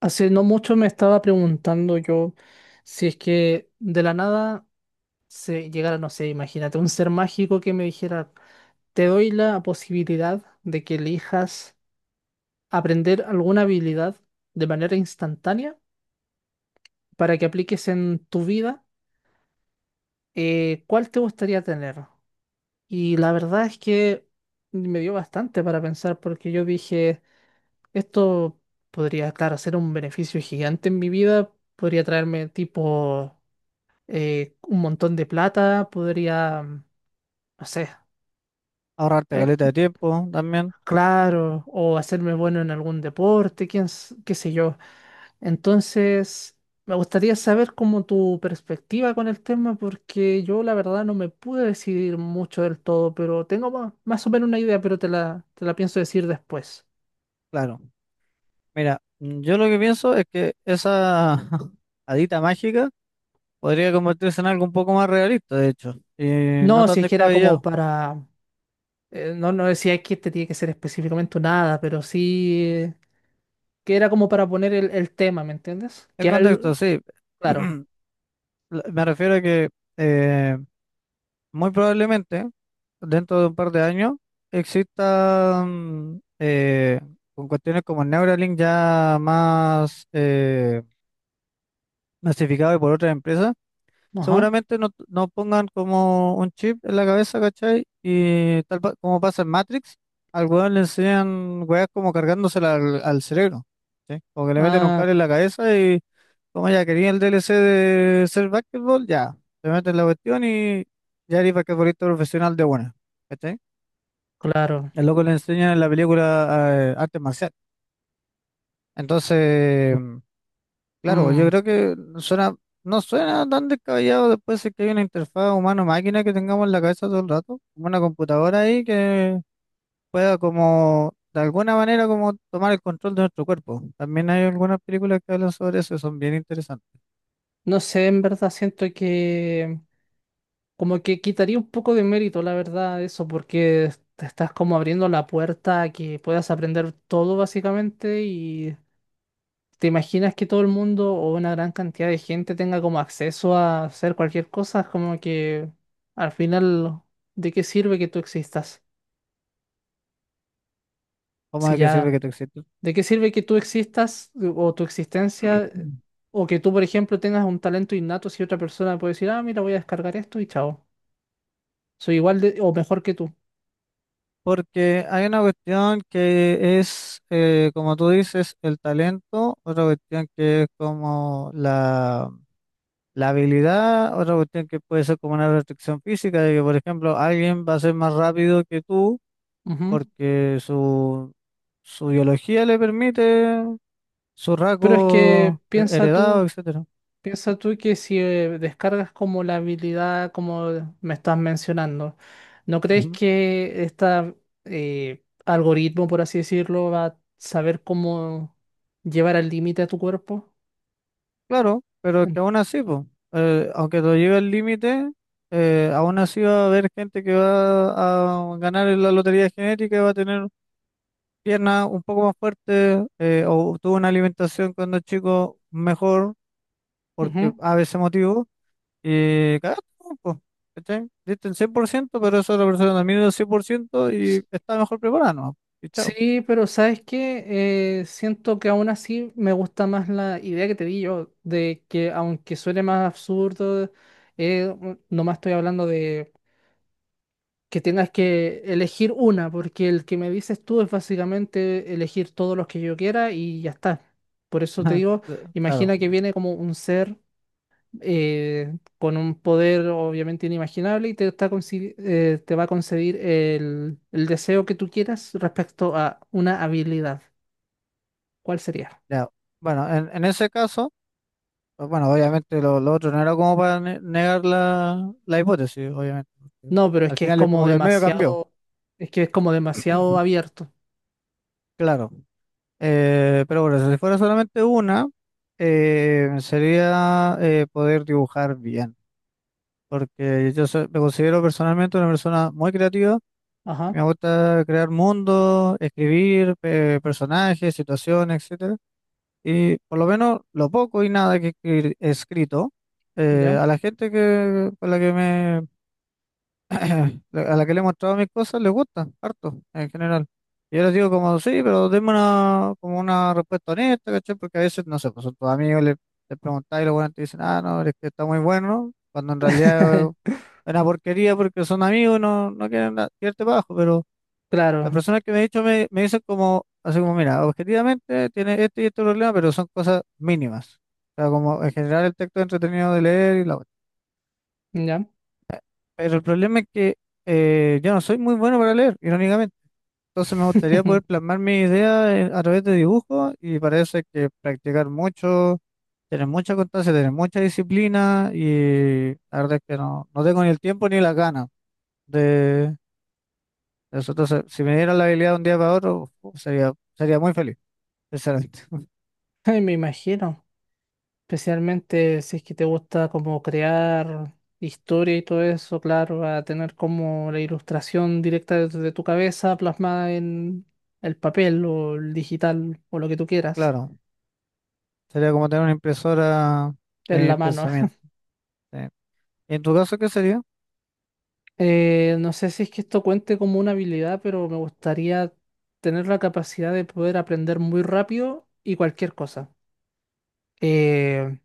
Hace no mucho me estaba preguntando yo si es que de la nada se llegara, no sé, imagínate, un ser mágico que me dijera, te doy la posibilidad de que elijas aprender alguna habilidad de manera instantánea para que apliques en tu vida, ¿cuál te gustaría tener? Y la verdad es que me dio bastante para pensar porque yo dije, esto podría, claro, ser un beneficio gigante en mi vida, podría traerme tipo un montón de plata, podría, no sé, Ahorrarte eh, caleta de tiempo también, claro, o hacerme bueno en algún deporte, quién, qué sé yo. Entonces, me gustaría saber como tu perspectiva con el tema, porque yo la verdad no me pude decidir mucho del todo, pero tengo más, o menos una idea, pero te la pienso decir después. claro. Mira, yo lo que pienso es que esa hadita mágica podría convertirse en algo un poco más realista, de hecho, y no No, tan si es que era como descabellado. para, no, no decía que este tiene que ser específicamente nada pero sí... que era como para poner el tema, ¿me entiendes? El Que contexto, al, sí. claro. Me refiero a que eh, muy probablemente dentro de un par de años exista con cuestiones como el Neuralink ya más masificado y por otras empresas. Ajá. Seguramente no pongan como un chip en la cabeza, ¿cachai? Y como pasa en Matrix, al weón le enseñan weas como cargándosela al cerebro, ¿sí? O que le meten un Ah, cable c- en la cabeza y como ya quería el DLC de ser basketball, ya, te meten la cuestión y ya eres basquetbolista profesional de buena, ¿cachai? claro. El loco le enseñan en la película arte marcial. Entonces. Claro, yo Mm, creo que suena, no suena tan descabellado después de que hay una interfaz humano-máquina que tengamos en la cabeza todo el rato, como una computadora ahí que pueda como, de alguna manera, como tomar el control de nuestro cuerpo. También hay algunas películas que hablan sobre eso y son bien interesantes. no sé, en verdad siento que como que quitaría un poco de mérito, la verdad, eso, porque te estás como abriendo la puerta a que puedas aprender todo básicamente y te imaginas que todo el mundo o una gran cantidad de gente tenga como acceso a hacer cualquier cosa, es como que al final, ¿de qué sirve que tú existas? ¿Cómo Si de qué sirve ya que tú existas? ¿de qué sirve que tú existas o tu existencia o que tú, por ejemplo, tengas un talento innato si otra persona puede decir, ah, mira, voy a descargar esto y chao. Soy igual de, o mejor que tú. Porque hay una cuestión que es, como tú dices, el talento, otra cuestión que es como la habilidad, otra cuestión que puede ser como una restricción física, de que, por ejemplo, alguien va a ser más rápido que tú Ujú. porque su biología le permite su Pero es que heredado, etcétera. piensa tú que si descargas como la habilidad como me estás mencionando, ¿no crees Ujú. que este algoritmo, por así decirlo, va a saber cómo llevar al límite a tu cuerpo? Claro, pero que En- aún así, po, aunque lo lleve al límite, aún así va a haber gente que va a ganar en la lotería genética y va a tener piernas un poco más fuertes o tuvo una alimentación cuando chico mejor porque ujú. a veces motivo. Y cagaste, po, ¿cachai? Diste el 100%, pero esa otra persona también dio el 100% y está mejor preparada, ¿no? Y chao. Sí, pero ¿sabes qué? Siento que aún así me gusta más la idea que te di yo, de que aunque suene más absurdo, nomás estoy hablando de que tengas que elegir una, porque el que me dices tú es básicamente elegir todos los que yo quiera y ya está. Por eso te Ajá, digo, claro, imagina que viene como un ser con un poder obviamente inimaginable y te, te va a conceder el deseo que tú quieras respecto a una habilidad. ¿Cuál sería? ya. Bueno, en ese caso, pues bueno, obviamente lo otro no era como para negar la hipótesis, obviamente, porque No, pero es al que es final es como como que el medio cambió, demasiado, es que es como demasiado abierto. claro. Pero bueno, si fuera solamente una, sería poder dibujar bien. Porque yo me considero personalmente una persona muy creativa. Ajá, Me gusta crear mundos, escribir personajes, situaciones, etcétera. Y por lo menos lo poco y nada que he escrito, ¿ya? a la gente que, con la que me, a la que le he mostrado mis cosas, les gusta, harto, en general. Y yo les digo como, sí, pero denme una, como una respuesta honesta, ¿cachai? Porque a veces, no sé, pues son tus amigos, les preguntáis y los buenos te dicen, ah, no, es que está muy bueno, cuando en realidad es una porquería porque son amigos, no quieren tirarte bajo, pero la Claro, persona que me ha dicho me dicen como, así como, mira, objetivamente tiene este y este problema, pero son cosas mínimas. O sea, como en general el texto es entretenido de leer y la cuestión. ¿ya? Pero el problema es que yo no soy muy bueno para leer, irónicamente. Entonces me gustaría poder plasmar mi a través de dibujos y parece que practicar mucho, tener mucha constancia, tener mucha disciplina y la verdad es que no, no tengo ni el tiempo ni las ganas de de eso. Entonces, si me dieran la habilidad de un día para otro, uf, sería, sería muy feliz, sinceramente. Ay, me imagino, especialmente si es que te gusta como crear historia y todo eso, claro, va a tener como la ilustración directa de tu cabeza plasmada en el papel o el digital o lo que tú quieras, Claro, sería como tener una impresora en la de mano. pensamiento. Sí. ¿Y en tu caso qué sería? No sé si es que esto cuente como una habilidad, pero me gustaría tener la capacidad de poder aprender muy rápido y cualquier cosa. Eh,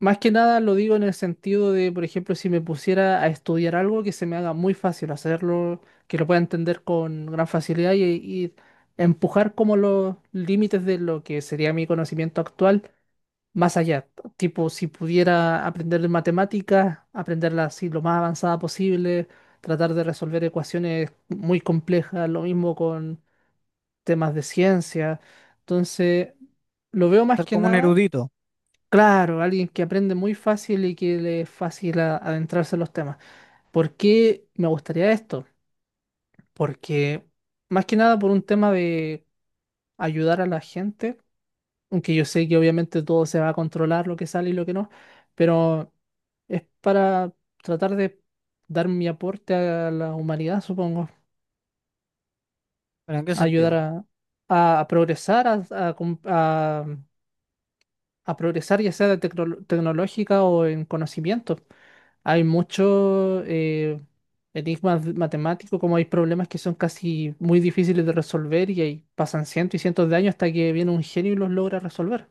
más que nada lo digo en el sentido de, por ejemplo, si me pusiera a estudiar algo que se me haga muy fácil hacerlo, que lo pueda entender con gran facilidad y empujar como los límites de lo que sería mi conocimiento actual más allá. Tipo, si pudiera aprender matemáticas, aprenderla así lo más avanzada posible, tratar de resolver ecuaciones muy complejas, lo mismo con temas de ciencia. Entonces, lo veo más Ser que como un nada, erudito, claro, alguien que aprende muy fácil y que le es fácil adentrarse en los temas. ¿Por qué me gustaría esto? Porque más que nada por un tema de ayudar a la gente, aunque yo sé que obviamente todo se va a controlar, lo que sale y lo que no, pero es para tratar de dar mi aporte a la humanidad, supongo. pero ¿en qué A ayudar sentido? a, a progresar, a, a com- a- a progresar ya sea de tecnológica o en conocimiento. Hay muchos enigmas matemáticos, como hay problemas que son casi muy difíciles de resolver y ahí pasan cientos y cientos de años hasta que viene un genio y los logra resolver.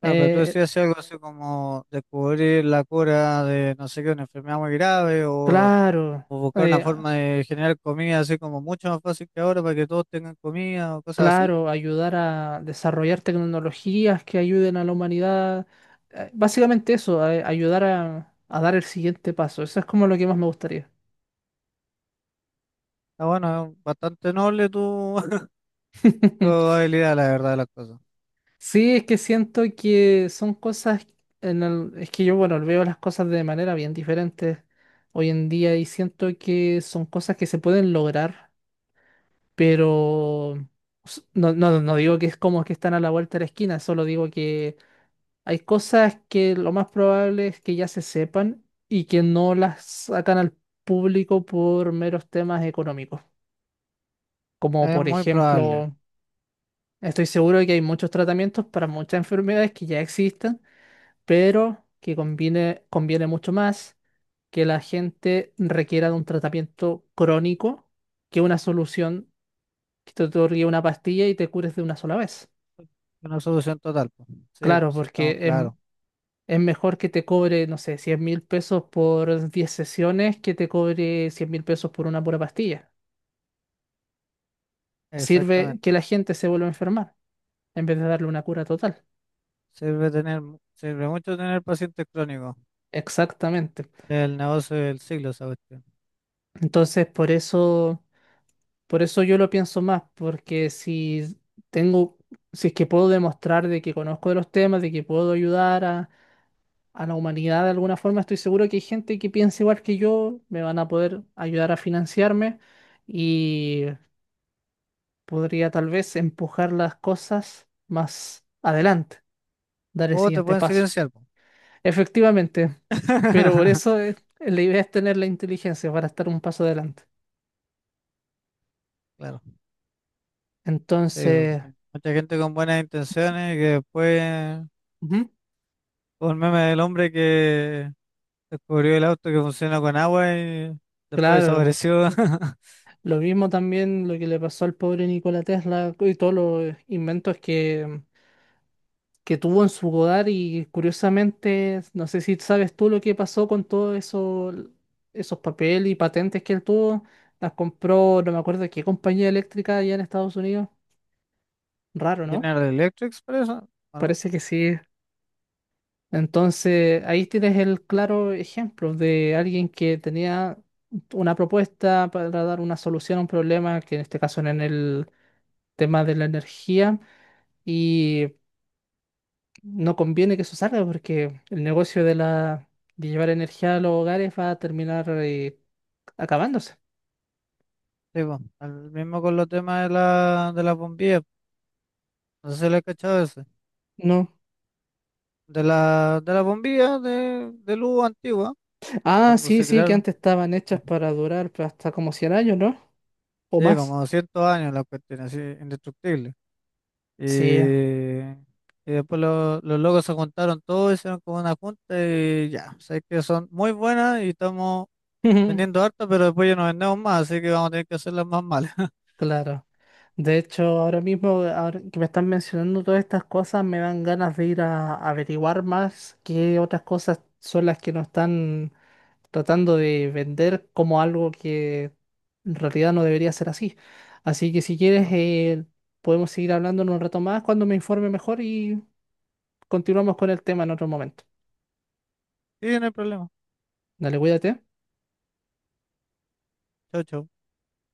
Claro, pero tú Eh, decías si algo así como descubrir la cura de no sé qué, una enfermedad muy grave claro. o buscar una eh, forma de generar comida así como mucho más fácil que ahora para que todos tengan comida o cosas así. Claro, ayudar a desarrollar tecnologías que ayuden a la humanidad. Básicamente eso, ayudar a dar el siguiente paso. Eso es como lo que más me gustaría. Ah, bueno, es bastante noble tu, tu habilidad, la verdad de las cosas. Sí, es que siento que son cosas, es que yo, bueno, veo las cosas de manera bien diferente hoy en día y siento que son cosas que se pueden lograr, pero no, no, no digo que es como que están a la vuelta de la esquina, solo digo que hay cosas que lo más probable es que ya se sepan y que no las sacan al público por meros temas económicos. Como Es por muy probable. ejemplo, estoy seguro de que hay muchos tratamientos para muchas enfermedades que ya existen, pero que conviene, conviene mucho más que la gente requiera de un tratamiento crónico que una solución que te otorgue una pastilla y te cures de una sola vez. Una solución total, pues. Sí, Claro, pues sí, estamos porque claros. es mejor que te cobre, no sé, 100.000 pesos por 10 sesiones que te cobre 100.000 pesos por una pura pastilla. Sirve que Exactamente. la gente se vuelva a enfermar en vez de darle una cura total. Sirve tener, sirve mucho tener pacientes crónicos. Exactamente. El negocio del siglo, esa cuestión. Entonces, por eso yo lo pienso más, porque si tengo, si es que puedo demostrar de que conozco de los temas, de que puedo ayudar a la humanidad de alguna forma, estoy seguro que hay gente que piensa igual que yo, me van a poder ayudar a financiarme. Y podría tal vez empujar las cosas más adelante, dar el O te siguiente pueden paso. silenciar, po. Efectivamente, pero por eso la idea es tener la inteligencia para estar un paso adelante. Claro, sí, po. Entonces, Mucha gente con buenas intenciones que después, ujú, como el meme del hombre que descubrió el auto que funciona con agua y después claro, desapareció. lo mismo también lo que le pasó al pobre Nikola Tesla y todos los inventos que tuvo en su hogar y curiosamente, no sé si sabes tú lo que pasó con todos eso, esos papeles y patentes que él tuvo, las compró, no me acuerdo qué compañía eléctrica allá en Estados Unidos. Raro, ¿no? General Electric, por eso. Bueno, Parece que sí. Entonces, ahí tienes el claro ejemplo de alguien que tenía una propuesta para dar una solución a un problema, que en este caso era en el tema de la energía, y no conviene que eso salga porque el negocio de la de llevar energía a los hogares va a terminar acabándose. sí, po. El mismo con los temas de la, de las bombillas. No sé si le he cachado ese. No. De de la bombilla de luz antigua, Ah, cuando sí, se sí, que crearon. antes estaban Sí. hechas para durar pues, hasta como 100 años, ¿no? O Sí, más. como 200 años la cuestión, así, indestructible. Y, Sí, y después los locos se juntaron todos, hicieron como una junta y ya, sé que son muy buenas y estamos vendiendo harta, pero después ya no vendemos más, así que vamos a tener que hacer las más malas. claro. De hecho, ahora mismo, ahora que me están mencionando todas estas cosas, me dan ganas de ir a averiguar más qué otras cosas son las que no están tratando de vender como algo que en realidad no debería ser así. Así que si quieres, Pero, podemos seguir hablando en un rato más cuando me informe mejor y continuamos con el tema en otro momento. sí, no hay problema. Dale, cuídate. Chau, chau.